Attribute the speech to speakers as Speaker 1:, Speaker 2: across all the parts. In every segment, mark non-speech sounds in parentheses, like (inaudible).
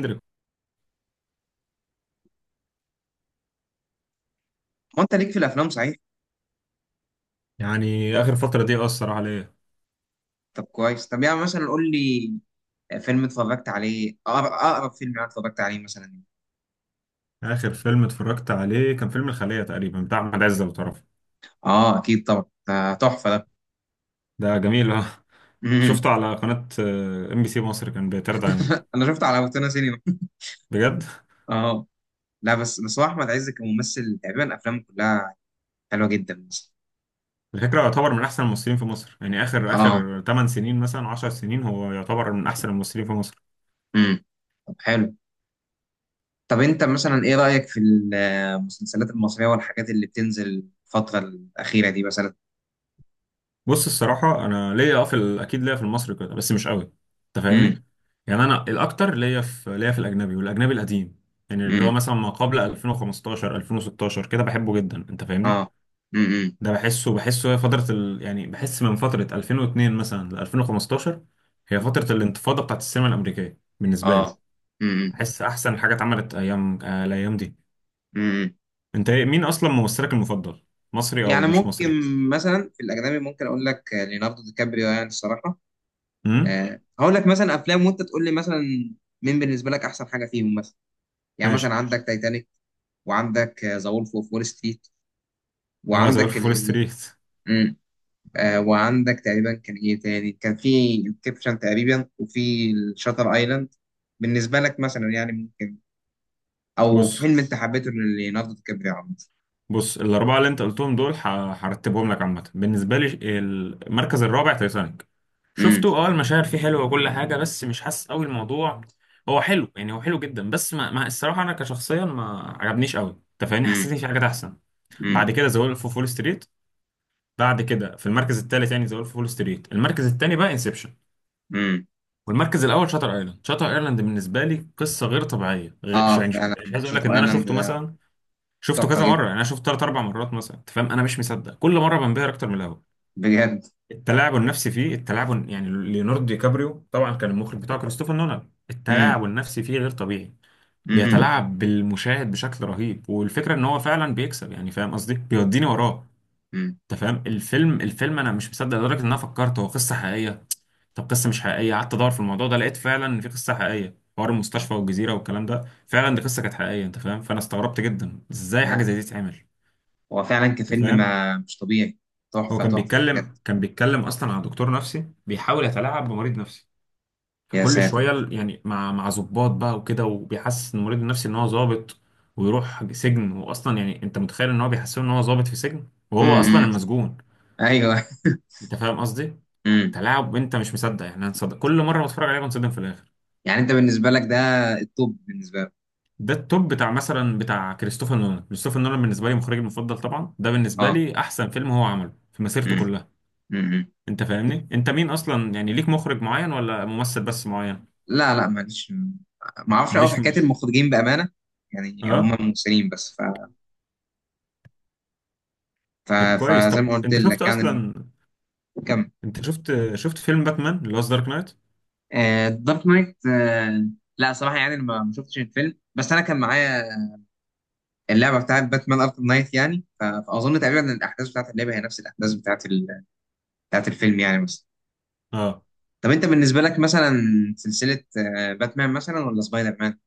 Speaker 1: كندريك.
Speaker 2: هو انت ليك في الافلام، صحيح؟
Speaker 1: يعني آخر فترة دي أثر عليا.
Speaker 2: طب كويس، طب يعني مثلا قول لي فيلم اتفرجت عليه، اقرب فيلم انا اتفرجت عليه مثلا.
Speaker 1: آخر فيلم اتفرجت عليه كان فيلم الخلية تقريبا بتاع أحمد عز لو تعرفه.
Speaker 2: اه، اكيد طبعا، ده تحفه ده.
Speaker 1: ده جميل، أه.
Speaker 2: مم.
Speaker 1: شفته على قناة ام بي سي مصر، كان بيتعرض علينا.
Speaker 2: انا شفته على روتانا سينما.
Speaker 1: بجد.
Speaker 2: اه. لا، بس هو احمد عز كممثل تقريبا افلامه كلها حلوه جدا مثلا.
Speaker 1: الفكرة يعتبر من أحسن الممثلين في مصر، يعني آخر
Speaker 2: اه.
Speaker 1: آخر 8 سنين مثلا، 10 سنين، هو يعتبر من أحسن الممثلين في مصر.
Speaker 2: امم. طب حلو. طب انت مثلا ايه رايك في المسلسلات المصريه والحاجات اللي بتنزل الفتره الاخيره دي مثلا؟
Speaker 1: بص، الصراحة أنا ليا في أكيد ليا في المصري كده بس مش قوي. أنت
Speaker 2: امم.
Speaker 1: فاهمني؟ يعني أنا الأكتر ليا في الأجنبي، والأجنبي القديم. يعني اللي هو
Speaker 2: امم.
Speaker 1: مثلا ما قبل 2015 2016 كده بحبه جدا. أنت فاهمني؟
Speaker 2: اه. امم.
Speaker 1: ده بحسه هي فترة يعني بحس من فترة 2002 مثلا ل 2015، هي فترة الانتفاضة بتاعت السينما الأمريكية بالنسبة لي.
Speaker 2: اه.
Speaker 1: بحس أحسن حاجة اتعملت أيام الأيام دي.
Speaker 2: امم.
Speaker 1: أنت مين أصلا ممثلك المفضل؟ مصري
Speaker 2: يعني
Speaker 1: أو مش
Speaker 2: ممكن.
Speaker 1: مصري؟
Speaker 2: مثلا في الاجنبي ممكن اقول لك ليوناردو دي كابريو، يعني الصراحه.
Speaker 1: امم.
Speaker 2: هقول لك مثلا افلام وانت تقول لي مثلا مين بالنسبه لك احسن حاجه فيهم مثلا. يعني مثلا
Speaker 1: ماشي.
Speaker 2: عندك تايتانيك، وعندك ذا وولف اوف وول ستريت،
Speaker 1: اه، سؤال في
Speaker 2: وعندك
Speaker 1: فول ستريت.
Speaker 2: مم. وعندك تقريبا كان ايه تاني؟ كان في انسبشن تقريبا، وفي الشاتر ايلاند. بالنسبه لك مثلا يعني ممكن، او
Speaker 1: بص،
Speaker 2: فيلم انت حبيته ليوناردو دي كابريو عامه؟
Speaker 1: بص الأربعة اللي أنت قلتهم دول هرتبهم لك عامة بالنسبة لي. المركز الرابع تايتانيك.
Speaker 2: امم.
Speaker 1: شفته، اه، المشاهد فيه حلوة وكل حاجة بس مش حاسس قوي الموضوع. هو حلو يعني، هو حلو جدا، بس ما الصراحة أنا كشخصيا ما عجبنيش قوي. أنت فاهمني؟
Speaker 2: امم.
Speaker 1: حسيت إن في حاجات أحسن. بعد كده ذا وولف أوف وول ستريت، بعد كده في المركز الثالث يعني ذا وولف أوف وول ستريت. المركز الثاني بقى انسبشن،
Speaker 2: امم.
Speaker 1: والمركز الأول شاتر أيلاند. شاتر أيلاند بالنسبة لي قصة غير طبيعية،
Speaker 2: اه
Speaker 1: يعني
Speaker 2: فعلا.
Speaker 1: مش عايز أقول لك
Speaker 2: شاتر
Speaker 1: إن أنا
Speaker 2: ايلاند
Speaker 1: شفته
Speaker 2: ده
Speaker 1: مثلا، شفته
Speaker 2: تحفه
Speaker 1: كذا
Speaker 2: جدا،
Speaker 1: مره، يعني انا شفته ثلاث اربع مرات مثلا. انت فاهم؟ انا مش مصدق، كل مره بنبهر اكتر من الاول.
Speaker 2: بجد.
Speaker 1: التلاعب النفسي فيه، يعني ليوناردو دي كابريو طبعا كان المخرج بتاعه كريستوفر نولان.
Speaker 2: امم.
Speaker 1: التلاعب النفسي فيه غير طبيعي،
Speaker 2: امم.
Speaker 1: بيتلاعب بالمشاهد بشكل رهيب، والفكره ان هو فعلا بيكسب، يعني فاهم قصدي، بيوديني وراه.
Speaker 2: امم.
Speaker 1: انت فاهم؟ الفيلم انا مش مصدق لدرجه ان انا فكرت هو قصه حقيقيه. طب قصه مش حقيقيه، قعدت ادور في الموضوع ده، لقيت فعلا ان في قصه حقيقيه، حوار المستشفى والجزيره والكلام ده فعلا دي قصه كانت حقيقيه. انت فاهم؟ فانا استغربت جدا ازاي حاجه
Speaker 2: لا،
Speaker 1: زي دي تتعمل.
Speaker 2: هو فعلا
Speaker 1: انت
Speaker 2: كفيلم
Speaker 1: فاهم؟
Speaker 2: ما مش طبيعي.
Speaker 1: هو
Speaker 2: تحفة
Speaker 1: كان
Speaker 2: تحفة، بجد.
Speaker 1: بيتكلم كان بيتكلم اصلا عن دكتور نفسي بيحاول يتلاعب بمريض نفسي.
Speaker 2: يا
Speaker 1: فكل
Speaker 2: ساتر.
Speaker 1: شويه يعني مع ضباط بقى وكده، وبيحسس المريض النفسي ان هو ضابط ويروح سجن. واصلا يعني، انت متخيل ان هو بيحسسه ان هو ضابط في سجن وهو اصلا
Speaker 2: امم.
Speaker 1: المسجون؟
Speaker 2: ايوه.
Speaker 1: انت فاهم قصدي؟
Speaker 2: امم.
Speaker 1: تلاعب، انت مش مصدق. يعني انا مصدق، كل مره بتفرج عليه بنصدم في الاخر.
Speaker 2: يعني انت بالنسبة لك ده التوب بالنسبة لك؟
Speaker 1: ده التوب بتاع مثلا بتاع كريستوفر نولان. كريستوفر نولان بالنسبه لي مخرجي المفضل طبعا، ده بالنسبه
Speaker 2: اه.
Speaker 1: لي احسن فيلم هو عمله في مسيرته
Speaker 2: امم.
Speaker 1: كلها.
Speaker 2: امم.
Speaker 1: انت فاهمني؟ انت مين اصلا؟ يعني ليك مخرج معين ولا ممثل بس معين؟
Speaker 2: لا لا، معلش، ما اعرفش قوي في
Speaker 1: ماليش
Speaker 2: حكاية المخرجين بأمانة. يعني هم
Speaker 1: اه.
Speaker 2: ممثلين بس ف...
Speaker 1: طب كويس،
Speaker 2: فزي
Speaker 1: طب
Speaker 2: ما قلت
Speaker 1: انت شفت
Speaker 2: لك يعني.
Speaker 1: اصلا،
Speaker 2: كم.
Speaker 1: انت شفت فيلم باتمان اللي هو دارك نايت؟
Speaker 2: دارك نايت، Dark Knight، لا صراحة يعني ما شفتش الفيلم، بس انا كان معايا اللعبه بتاعت باتمان اركم نايت، يعني فاظن تقريبا إن الاحداث بتاعت اللعبه هي نفس الاحداث بتاعت الفيلم يعني، بس.
Speaker 1: اه.
Speaker 2: طب انت بالنسبه لك مثلا سلسله باتمان مثلا ولا سبايدر مان؟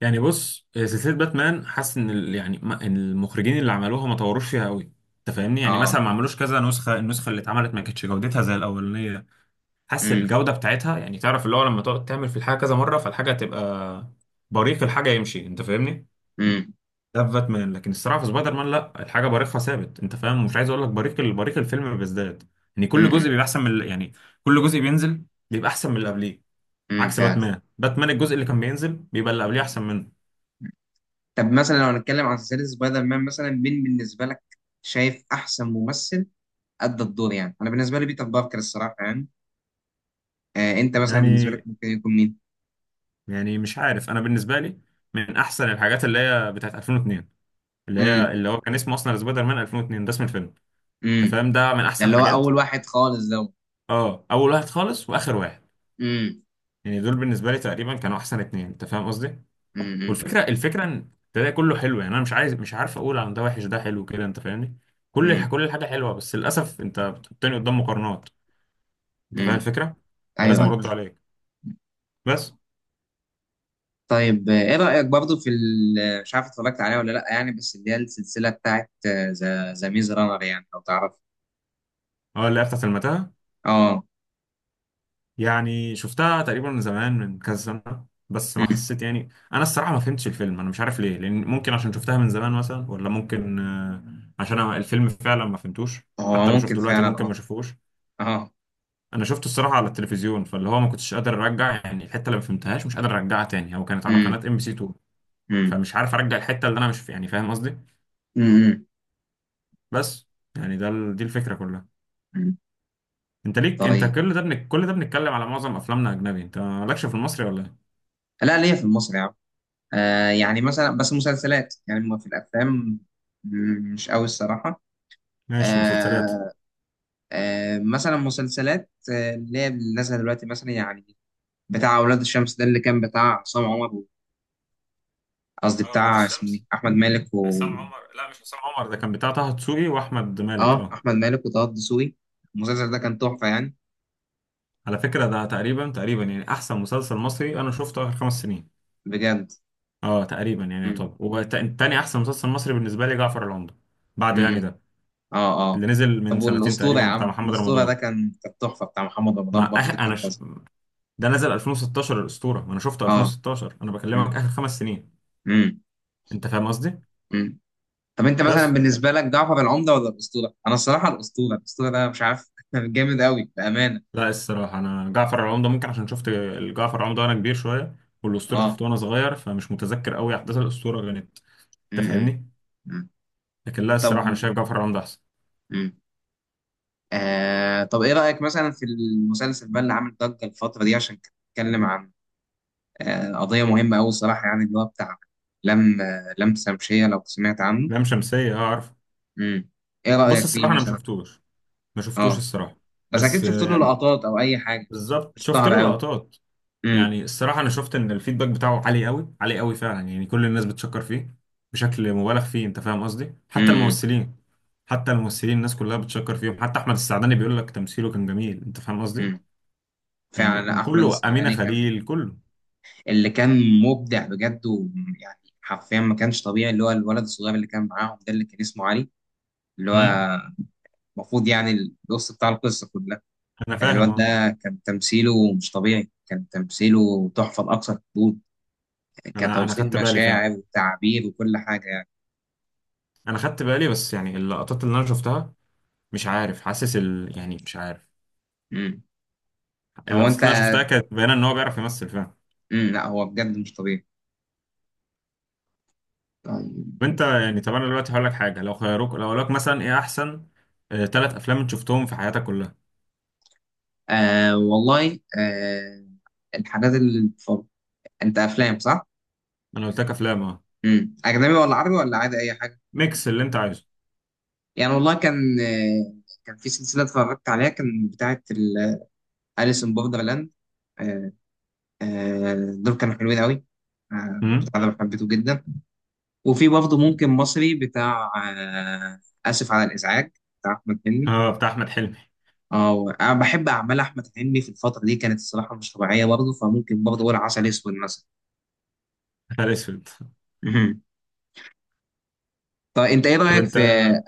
Speaker 1: يعني بص، سلسله باتمان، حاسس ان يعني ما... إن المخرجين اللي عملوها ما طوروش فيها قوي. انت فاهمني؟ يعني مثلا
Speaker 2: اه.
Speaker 1: ما عملوش كذا نسخه، النسخه اللي اتعملت ما كانتش جودتها زي الاولانيه. حاسس
Speaker 2: امم.
Speaker 1: الجوده بتاعتها، يعني تعرف اللي هو لما تقعد تعمل في الحاجه كذا مره فالحاجه تبقى بريق الحاجه يمشي. انت فاهمني؟
Speaker 2: امم.
Speaker 1: ده في باتمان، لكن الصراحه في سبايدر مان لا، الحاجه بريقها ثابت. انت فاهم؟ مش عايز اقول لك بريق الفيلم بيزداد، يعني كل جزء
Speaker 2: امم.
Speaker 1: بيبقى احسن من يعني كل جزء بينزل بيبقى احسن من اللي قبليه. عكس
Speaker 2: فعلا.
Speaker 1: باتمان، باتمان الجزء اللي كان بينزل بيبقى اللي قبليه احسن منه.
Speaker 2: طب مثلا لو هنتكلم عن سلسله سبايدر مان، مثلا مين بالنسبه لك شايف احسن ممثل ادى الدور؟ يعني انا بالنسبه لي بيتر باركر الصراحه، يعني انت مثلا بالنسبه
Speaker 1: يعني
Speaker 2: لك ممكن يكون مين؟
Speaker 1: يعني مش عارف، انا بالنسبه لي من احسن الحاجات اللي هي بتاعت 2002، اللي هي
Speaker 2: امم.
Speaker 1: اللي هو كان اسمه اصلا سبايدر مان 2002، ده اسم الفيلم. انت
Speaker 2: امم.
Speaker 1: فاهم؟ ده من
Speaker 2: ده
Speaker 1: احسن
Speaker 2: اللي هو
Speaker 1: حاجات.
Speaker 2: اول واحد خالص ده.
Speaker 1: اه، اول واحد خالص واخر واحد.
Speaker 2: امم.
Speaker 1: يعني دول بالنسبه لي تقريبا كانوا احسن اتنين. انت فاهم قصدي؟
Speaker 2: امم.
Speaker 1: والفكره، ان تلاقي كله حلو. يعني انا مش عايز مش عارف اقول عن ده وحش ده حلو كده. انت فاهمني؟
Speaker 2: امم.
Speaker 1: كل الحاجه حلوه، بس للاسف انت بتحطني قدام مقارنات. انت فاهم
Speaker 2: امم.
Speaker 1: الفكره؟
Speaker 2: ايوه
Speaker 1: فلازم
Speaker 2: أيوه.
Speaker 1: ارد عليك، بس.
Speaker 2: طيب، ايه رأيك برضو في مش عارف اتفرجت عليها ولا لا، يعني بس اللي هي السلسلة بتاعت ذا ميز رانر، يعني لو تعرف.
Speaker 1: اه، اللي هي بتاعت المتاهه.
Speaker 2: اه.
Speaker 1: يعني شفتها تقريبا من زمان من كذا سنه، بس ما
Speaker 2: مم.
Speaker 1: حسيت يعني. انا الصراحه ما فهمتش الفيلم، انا مش عارف ليه. لان ممكن عشان شفتها من زمان مثلا، ولا ممكن عشان أنا الفيلم فعلا ما فهمتوش.
Speaker 2: هو
Speaker 1: حتى لو
Speaker 2: ممكن
Speaker 1: شفته دلوقتي
Speaker 2: فعلا،
Speaker 1: ممكن ما
Speaker 2: اه.
Speaker 1: اشوفهوش.
Speaker 2: اه.
Speaker 1: انا شفته الصراحه على التلفزيون، فاللي هو ما كنتش قادر ارجع، يعني الحته اللي ما فهمتهاش مش قادر ارجعها تاني. هو كانت على
Speaker 2: مم.
Speaker 1: قناه ام بي سي 2،
Speaker 2: مم.
Speaker 1: فمش عارف ارجع الحته اللي انا مش يعني فاهم قصدي؟
Speaker 2: مم.
Speaker 1: بس يعني ده دي الفكره كلها.
Speaker 2: مم.
Speaker 1: انت ليك، انت
Speaker 2: طيب.
Speaker 1: كل ده كل ده بنتكلم على معظم افلامنا اجنبي، انت مالكش في المصري ولا ايه؟
Speaker 2: لا، ليا في المصري يا عم، يعني مثلا بس مسلسلات، يعني ما في الافلام. مش قوي الصراحة.
Speaker 1: ماشي، مسلسلات.
Speaker 2: آه مثلا مسلسلات، اللي هي اللي نازلة دلوقتي مثلا يعني بتاع اولاد الشمس ده اللي كان بتاع عصام عمر قصدي
Speaker 1: اه، ولاد
Speaker 2: بتاع اسمه ايه
Speaker 1: الشمس،
Speaker 2: احمد مالك.
Speaker 1: عصام عمر. لا، مش عصام عمر، ده كان بتاع طه دسوقي واحمد مالك،
Speaker 2: اه،
Speaker 1: اه.
Speaker 2: احمد مالك وطه الدسوقي، المسلسل ده كان تحفه يعني.
Speaker 1: على فكره ده تقريبا تقريبا يعني احسن مسلسل مصري انا شفته اخر 5 سنين.
Speaker 2: بجد.
Speaker 1: اه تقريبا يعني
Speaker 2: امم.
Speaker 1: يعتبر. وتاني احسن مسلسل مصري بالنسبه لي جعفر العمدة، بعد يعني
Speaker 2: امم.
Speaker 1: ده
Speaker 2: اه. اه.
Speaker 1: اللي نزل من
Speaker 2: طب
Speaker 1: سنتين
Speaker 2: والاسطوره
Speaker 1: تقريبا
Speaker 2: يا
Speaker 1: بتاع
Speaker 2: عم،
Speaker 1: محمد
Speaker 2: الاسطوره ده
Speaker 1: رمضان.
Speaker 2: كانت تحفه بتاع محمد
Speaker 1: ما
Speaker 2: رمضان برضه،
Speaker 1: أخ...
Speaker 2: ده كان فظيع.
Speaker 1: ده نزل 2016 الاسطوره، وانا شفته
Speaker 2: اه.
Speaker 1: 2016، انا بكلمك
Speaker 2: امم.
Speaker 1: اخر 5 سنين.
Speaker 2: امم.
Speaker 1: انت فاهم قصدي؟
Speaker 2: امم. طب انت مثلا
Speaker 1: بس
Speaker 2: بالنسبه لك جعفر العمده ولا الاسطوره؟ انا الصراحه الاسطوره ده مش عارف (laughs) جامد قوي بامانه.
Speaker 1: لا، الصراحه انا جعفر العمدة ممكن عشان شفت جعفر العمدة وانا كبير شويه، والاسطوره
Speaker 2: اه.
Speaker 1: شفته وانا صغير، فمش متذكر قوي احداث الاسطوره كانت. انت
Speaker 2: امم.
Speaker 1: فاهمني؟
Speaker 2: امم.
Speaker 1: لكن لا
Speaker 2: طب.
Speaker 1: الصراحه انا شايف جعفر العمدة احسن.
Speaker 2: امم. طب ايه رايك مثلا في المسلسل بقى اللي عامل ضجه الفتره دي، عشان كان بيتكلم عن قضية مهمة أوي الصراحة، يعني اللي هو بتاع لم شمشية لو سمعت عنه.
Speaker 1: لام شمسيه، اه عارف.
Speaker 2: امم. إيه
Speaker 1: بص
Speaker 2: رأيك فيه
Speaker 1: الصراحه انا ما
Speaker 2: مثلا؟
Speaker 1: شفتوش، ما شفتوش
Speaker 2: أه.
Speaker 1: الصراحه.
Speaker 2: بس أكيد
Speaker 1: بس
Speaker 2: شفت له لقطات أو أي حاجة.
Speaker 1: بالظبط شفت له
Speaker 2: اشتهر أوي.
Speaker 1: لقطات.
Speaker 2: امم.
Speaker 1: يعني الصراحة أنا شفت إن الفيدباك بتاعه عالي قوي، عالي قوي فعلا. يعني كل الناس بتشكر فيه بشكل مبالغ فيه. أنت فاهم قصدي؟ حتى
Speaker 2: امم.
Speaker 1: الممثلين، حتى الممثلين، الناس كلها بتشكر فيهم. حتى أحمد السعداني بيقول لك تمثيله كان جميل. أنت فاهم قصدي؟
Speaker 2: امم
Speaker 1: يعني
Speaker 2: فعلا. لا، أحمد
Speaker 1: وكله، أمينة
Speaker 2: السعداني كان
Speaker 1: خليل، كله.
Speaker 2: اللي كان مبدع بجد، ويعني حرفيا ما كانش طبيعي اللي هو الولد الصغير اللي كان معاهم ده اللي كان اسمه علي، اللي
Speaker 1: امم.
Speaker 2: هو المفروض يعني النص بتاع القصة كلها.
Speaker 1: أنا فاهم،
Speaker 2: الواد
Speaker 1: أه.
Speaker 2: ده كان تمثيله مش طبيعي، كان تمثيله تحفة لأقصى الحدود،
Speaker 1: أنا
Speaker 2: كتوصيل
Speaker 1: خدت بالي فعلا،
Speaker 2: مشاعر وتعبير وكل حاجة يعني.
Speaker 1: أنا خدت بالي. بس يعني اللقطات اللي أنا شفتها مش عارف، حاسس يعني مش عارف،
Speaker 2: مم. هو
Speaker 1: اللقطات
Speaker 2: أنت.
Speaker 1: اللي أنا شفتها كانت باينة إن هو بيعرف يمثل فعلا.
Speaker 2: مم. لا، هو بجد مش طبيعي. طيب.
Speaker 1: وانت يعني، طب انا دلوقتي هقول لك حاجه. لو خيروك، لو قالوا لك مثلا ايه احسن 3 افلام انت شفتهم في حياتك كلها؟
Speaker 2: آه والله، آه. الحاجات اللي بتفرج أنت، أفلام صح؟
Speaker 1: انا قلت لك افلام، اه.
Speaker 2: مم. أجنبي ولا عربي ولا عادي، أي حاجة؟
Speaker 1: ميكس اللي انت عايزه.
Speaker 2: يعني والله كان كان في سلسلة اتفرجت عليها كان بتاعة أليس إن بوردرلاند. آه دول كانوا حلوين أوي.
Speaker 1: امم.
Speaker 2: بتاع ده حبيته جدا. وفي برضه ممكن مصري بتاع آسف على الإزعاج، بتاع أحمد حلمي.
Speaker 1: اه، بتاع احمد حلمي.
Speaker 2: اه، انا بحب اعمال احمد حلمي في الفتره دي كانت الصراحه مش طبيعيه برضه، فممكن برضه اقول عسل اسود مثلا.
Speaker 1: (laughs) نهار اسود.
Speaker 2: مهم. طب انت ايه
Speaker 1: طب
Speaker 2: رايك
Speaker 1: انت.
Speaker 2: في،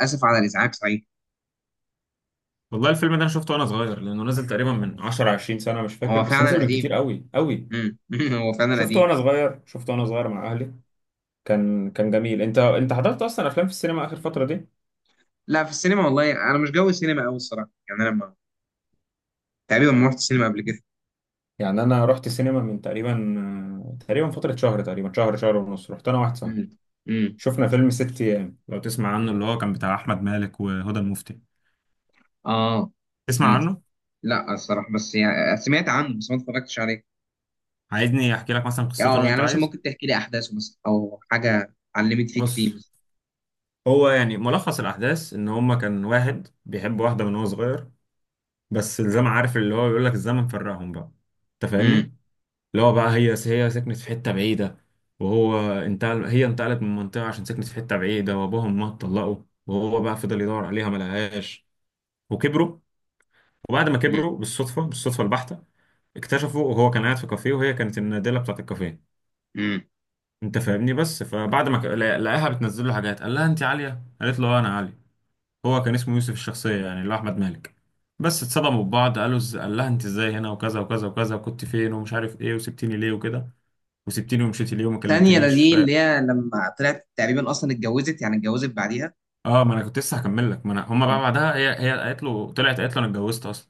Speaker 2: اسف على الازعاج صحيح.
Speaker 1: والله الفيلم ده انا شفته وانا صغير، لانه نزل تقريبا من 10 20 سنه، مش فاكر،
Speaker 2: هو
Speaker 1: بس
Speaker 2: فعلا
Speaker 1: نزل من
Speaker 2: قديم.
Speaker 1: كتير قوي قوي.
Speaker 2: مم. (laughs) هو فعلا قديم.
Speaker 1: شفته وانا صغير مع اهلي. كان جميل. انت حضرت اصلا افلام في السينما اخر فتره دي؟
Speaker 2: لا، في السينما والله انا مش جو السينما قوي الصراحه، يعني انا ما تقريبا ما رحت السينما قبل كده.
Speaker 1: يعني انا رحت سينما من تقريبا، تقريبا فتره شهر، تقريبا شهر، شهر ونص. رحت انا واحد صاحبي،
Speaker 2: مم. مم.
Speaker 1: شفنا فيلم ست ايام، لو تسمع عنه، اللي هو كان بتاع احمد مالك وهدى المفتي.
Speaker 2: اه.
Speaker 1: تسمع
Speaker 2: مم.
Speaker 1: عنه؟
Speaker 2: لا الصراحه، بس يعني سمعت عنه بس ما اتفرجتش عليه.
Speaker 1: عايزني احكي لك مثلا قصته
Speaker 2: اه،
Speaker 1: لو انت
Speaker 2: يعني مثلا
Speaker 1: عايز؟
Speaker 2: ممكن تحكي لي احداثه مثلا او حاجه علمت فيك فيه
Speaker 1: بص.
Speaker 2: مثلا.
Speaker 1: هو يعني ملخص الاحداث ان هما كان واحد بيحب واحده من هو صغير، بس الزمن عارف اللي هو بيقول لك الزمن فرقهم بقى. انت فاهمني؟
Speaker 2: مم.
Speaker 1: اللي هو بقى هي سكنت في حته بعيده، وهو انتقل، هي انتقلت من منطقه عشان سكنت في حته بعيده، وابوهم ما اتطلقوا. وهو بقى فضل يدور عليها ما لقاهاش، وكبروا. وبعد ما كبروا بالصدفة، بالصدفة البحتة اكتشفوا، وهو كان قاعد في كافيه وهي كانت النادلة بتاعت الكافيه.
Speaker 2: مم.
Speaker 1: انت فاهمني؟ بس فبعد ما لقاها بتنزل له حاجات، قال لها انت عالية، قالت له اه انا عالي. هو كان اسمه يوسف الشخصية، يعني اللي هو احمد مالك. بس اتصدموا ببعض، قالوا قال لها انت ازاي هنا وكذا وكذا وكذا، وكنت فين ومش عارف ايه وسبتيني ليه وكده، وسبتيني ومشيتي ليه وما
Speaker 2: ثانية، ده
Speaker 1: كلمتنيش
Speaker 2: دي اللي هي لما طلعت تقريبا أصلا اتجوزت، يعني اتجوزت بعديها.
Speaker 1: اه. ما انا كنت لسه هكمل لك، ما انا هما بقى
Speaker 2: اه.
Speaker 1: بعدها هي قالت له طلعت، قالت له انا اتجوزت اصلا.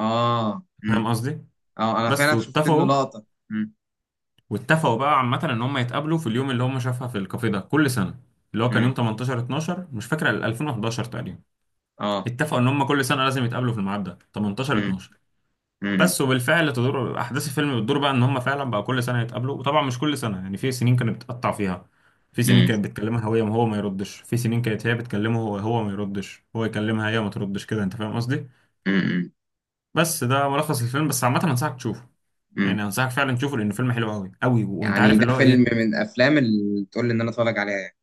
Speaker 2: اه.
Speaker 1: فاهم
Speaker 2: امم.
Speaker 1: قصدي؟
Speaker 2: اه. أنا
Speaker 1: بس
Speaker 2: فعلا شفت له
Speaker 1: واتفقوا.
Speaker 2: لقطة. امم.
Speaker 1: واتفقوا بقى عامة ان هم يتقابلوا في اليوم اللي هم شافها في الكافيه ده كل سنة، اللي هو كان يوم
Speaker 2: امم.
Speaker 1: 18 12 مش فاكر 2011 تقريبا.
Speaker 2: اه.
Speaker 1: اتفقوا ان هم كل سنة لازم يتقابلوا في الميعاد ده 18
Speaker 2: امم.
Speaker 1: 12،
Speaker 2: امم.
Speaker 1: بس. وبالفعل تدور احداث الفيلم، بتدور بقى ان هم فعلا بقى كل سنة يتقابلوا، وطبعا مش كل سنة. يعني في سنين كانت بتقطع فيها، في سنين
Speaker 2: امم.
Speaker 1: كانت بتكلمها هو وهو ما يردش، في سنين كانت هي بتكلمه هو هو ما يردش، هو يكلمها هي ما تردش كده. انت فاهم قصدي؟
Speaker 2: امم.
Speaker 1: بس ده ملخص الفيلم. بس عامة انصحك تشوفه،
Speaker 2: امم.
Speaker 1: يعني انصحك فعلا تشوفه لان الفيلم حلو قوي قوي. وانت
Speaker 2: يعني
Speaker 1: عارف
Speaker 2: ده
Speaker 1: اللي هو
Speaker 2: فيلم
Speaker 1: ايه،
Speaker 2: من الأفلام اللي تقول لي إن أنا أتفرج عليها يعني.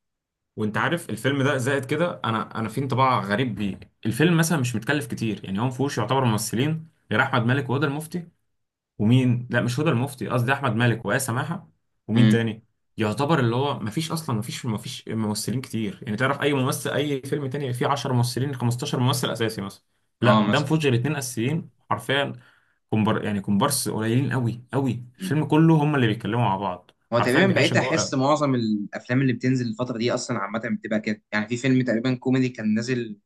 Speaker 1: وانت عارف الفيلم ده زائد كده، انا في انطباع غريب بيه. الفيلم مثلا مش متكلف كتير، يعني هو ما فيهوش يعتبر ممثلين غير احمد مالك وهدى المفتي، ومين. لا مش هدى المفتي، قصدي احمد مالك وآية سماحة. ومين
Speaker 2: امم.
Speaker 1: تاني؟ يعتبر اللي هو ما فيش اصلا، ما فيش ممثلين كتير. يعني تعرف اي ممثل، اي فيلم تاني فيه 10 ممثلين 15 ممثل اساسي مثلا.
Speaker 2: اه
Speaker 1: لا ده ما
Speaker 2: مثلا.
Speaker 1: فيهوش غير اتنين اساسيين حرفيا. يعني كومبارس قليلين قوي قوي.
Speaker 2: مم.
Speaker 1: الفيلم كله هم اللي بيتكلموا مع بعض
Speaker 2: هو
Speaker 1: حرفيا،
Speaker 2: تقريبا بقيت
Speaker 1: بيعيشك جوه
Speaker 2: أحس
Speaker 1: قوي.
Speaker 2: معظم الأفلام اللي بتنزل الفترة دي أصلا عامة بتبقى كده، يعني في فيلم تقريبا كوميدي كان نازل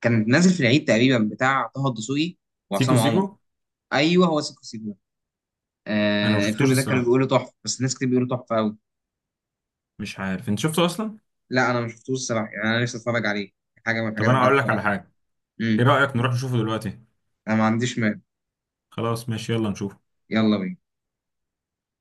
Speaker 2: كان نازل في العيد تقريبا بتاع طه الدسوقي
Speaker 1: سيكو
Speaker 2: وعصام عمر.
Speaker 1: سيكو.
Speaker 2: أيوه هو سيكو سيكو.
Speaker 1: انا ما شفتوش
Speaker 2: الفيلم ده كانوا
Speaker 1: الصراحه،
Speaker 2: بيقولوا تحفه، بس ناس كتير بيقولوا تحفه قوي.
Speaker 1: مش عارف انت شفته اصلا.
Speaker 2: لا، انا ما شفتوش الصراحه، يعني انا نفسي اتفرج عليه، حاجه من
Speaker 1: طب
Speaker 2: الحاجات اللي
Speaker 1: انا
Speaker 2: عايز
Speaker 1: هقول لك
Speaker 2: اتفرج
Speaker 1: على
Speaker 2: عليها.
Speaker 1: حاجه. ايه
Speaker 2: امم.
Speaker 1: رايك نروح نشوفه دلوقتي؟
Speaker 2: انا ما عنديش مال.
Speaker 1: خلاص ماشي، يلا نشوف.
Speaker 2: يلا بينا.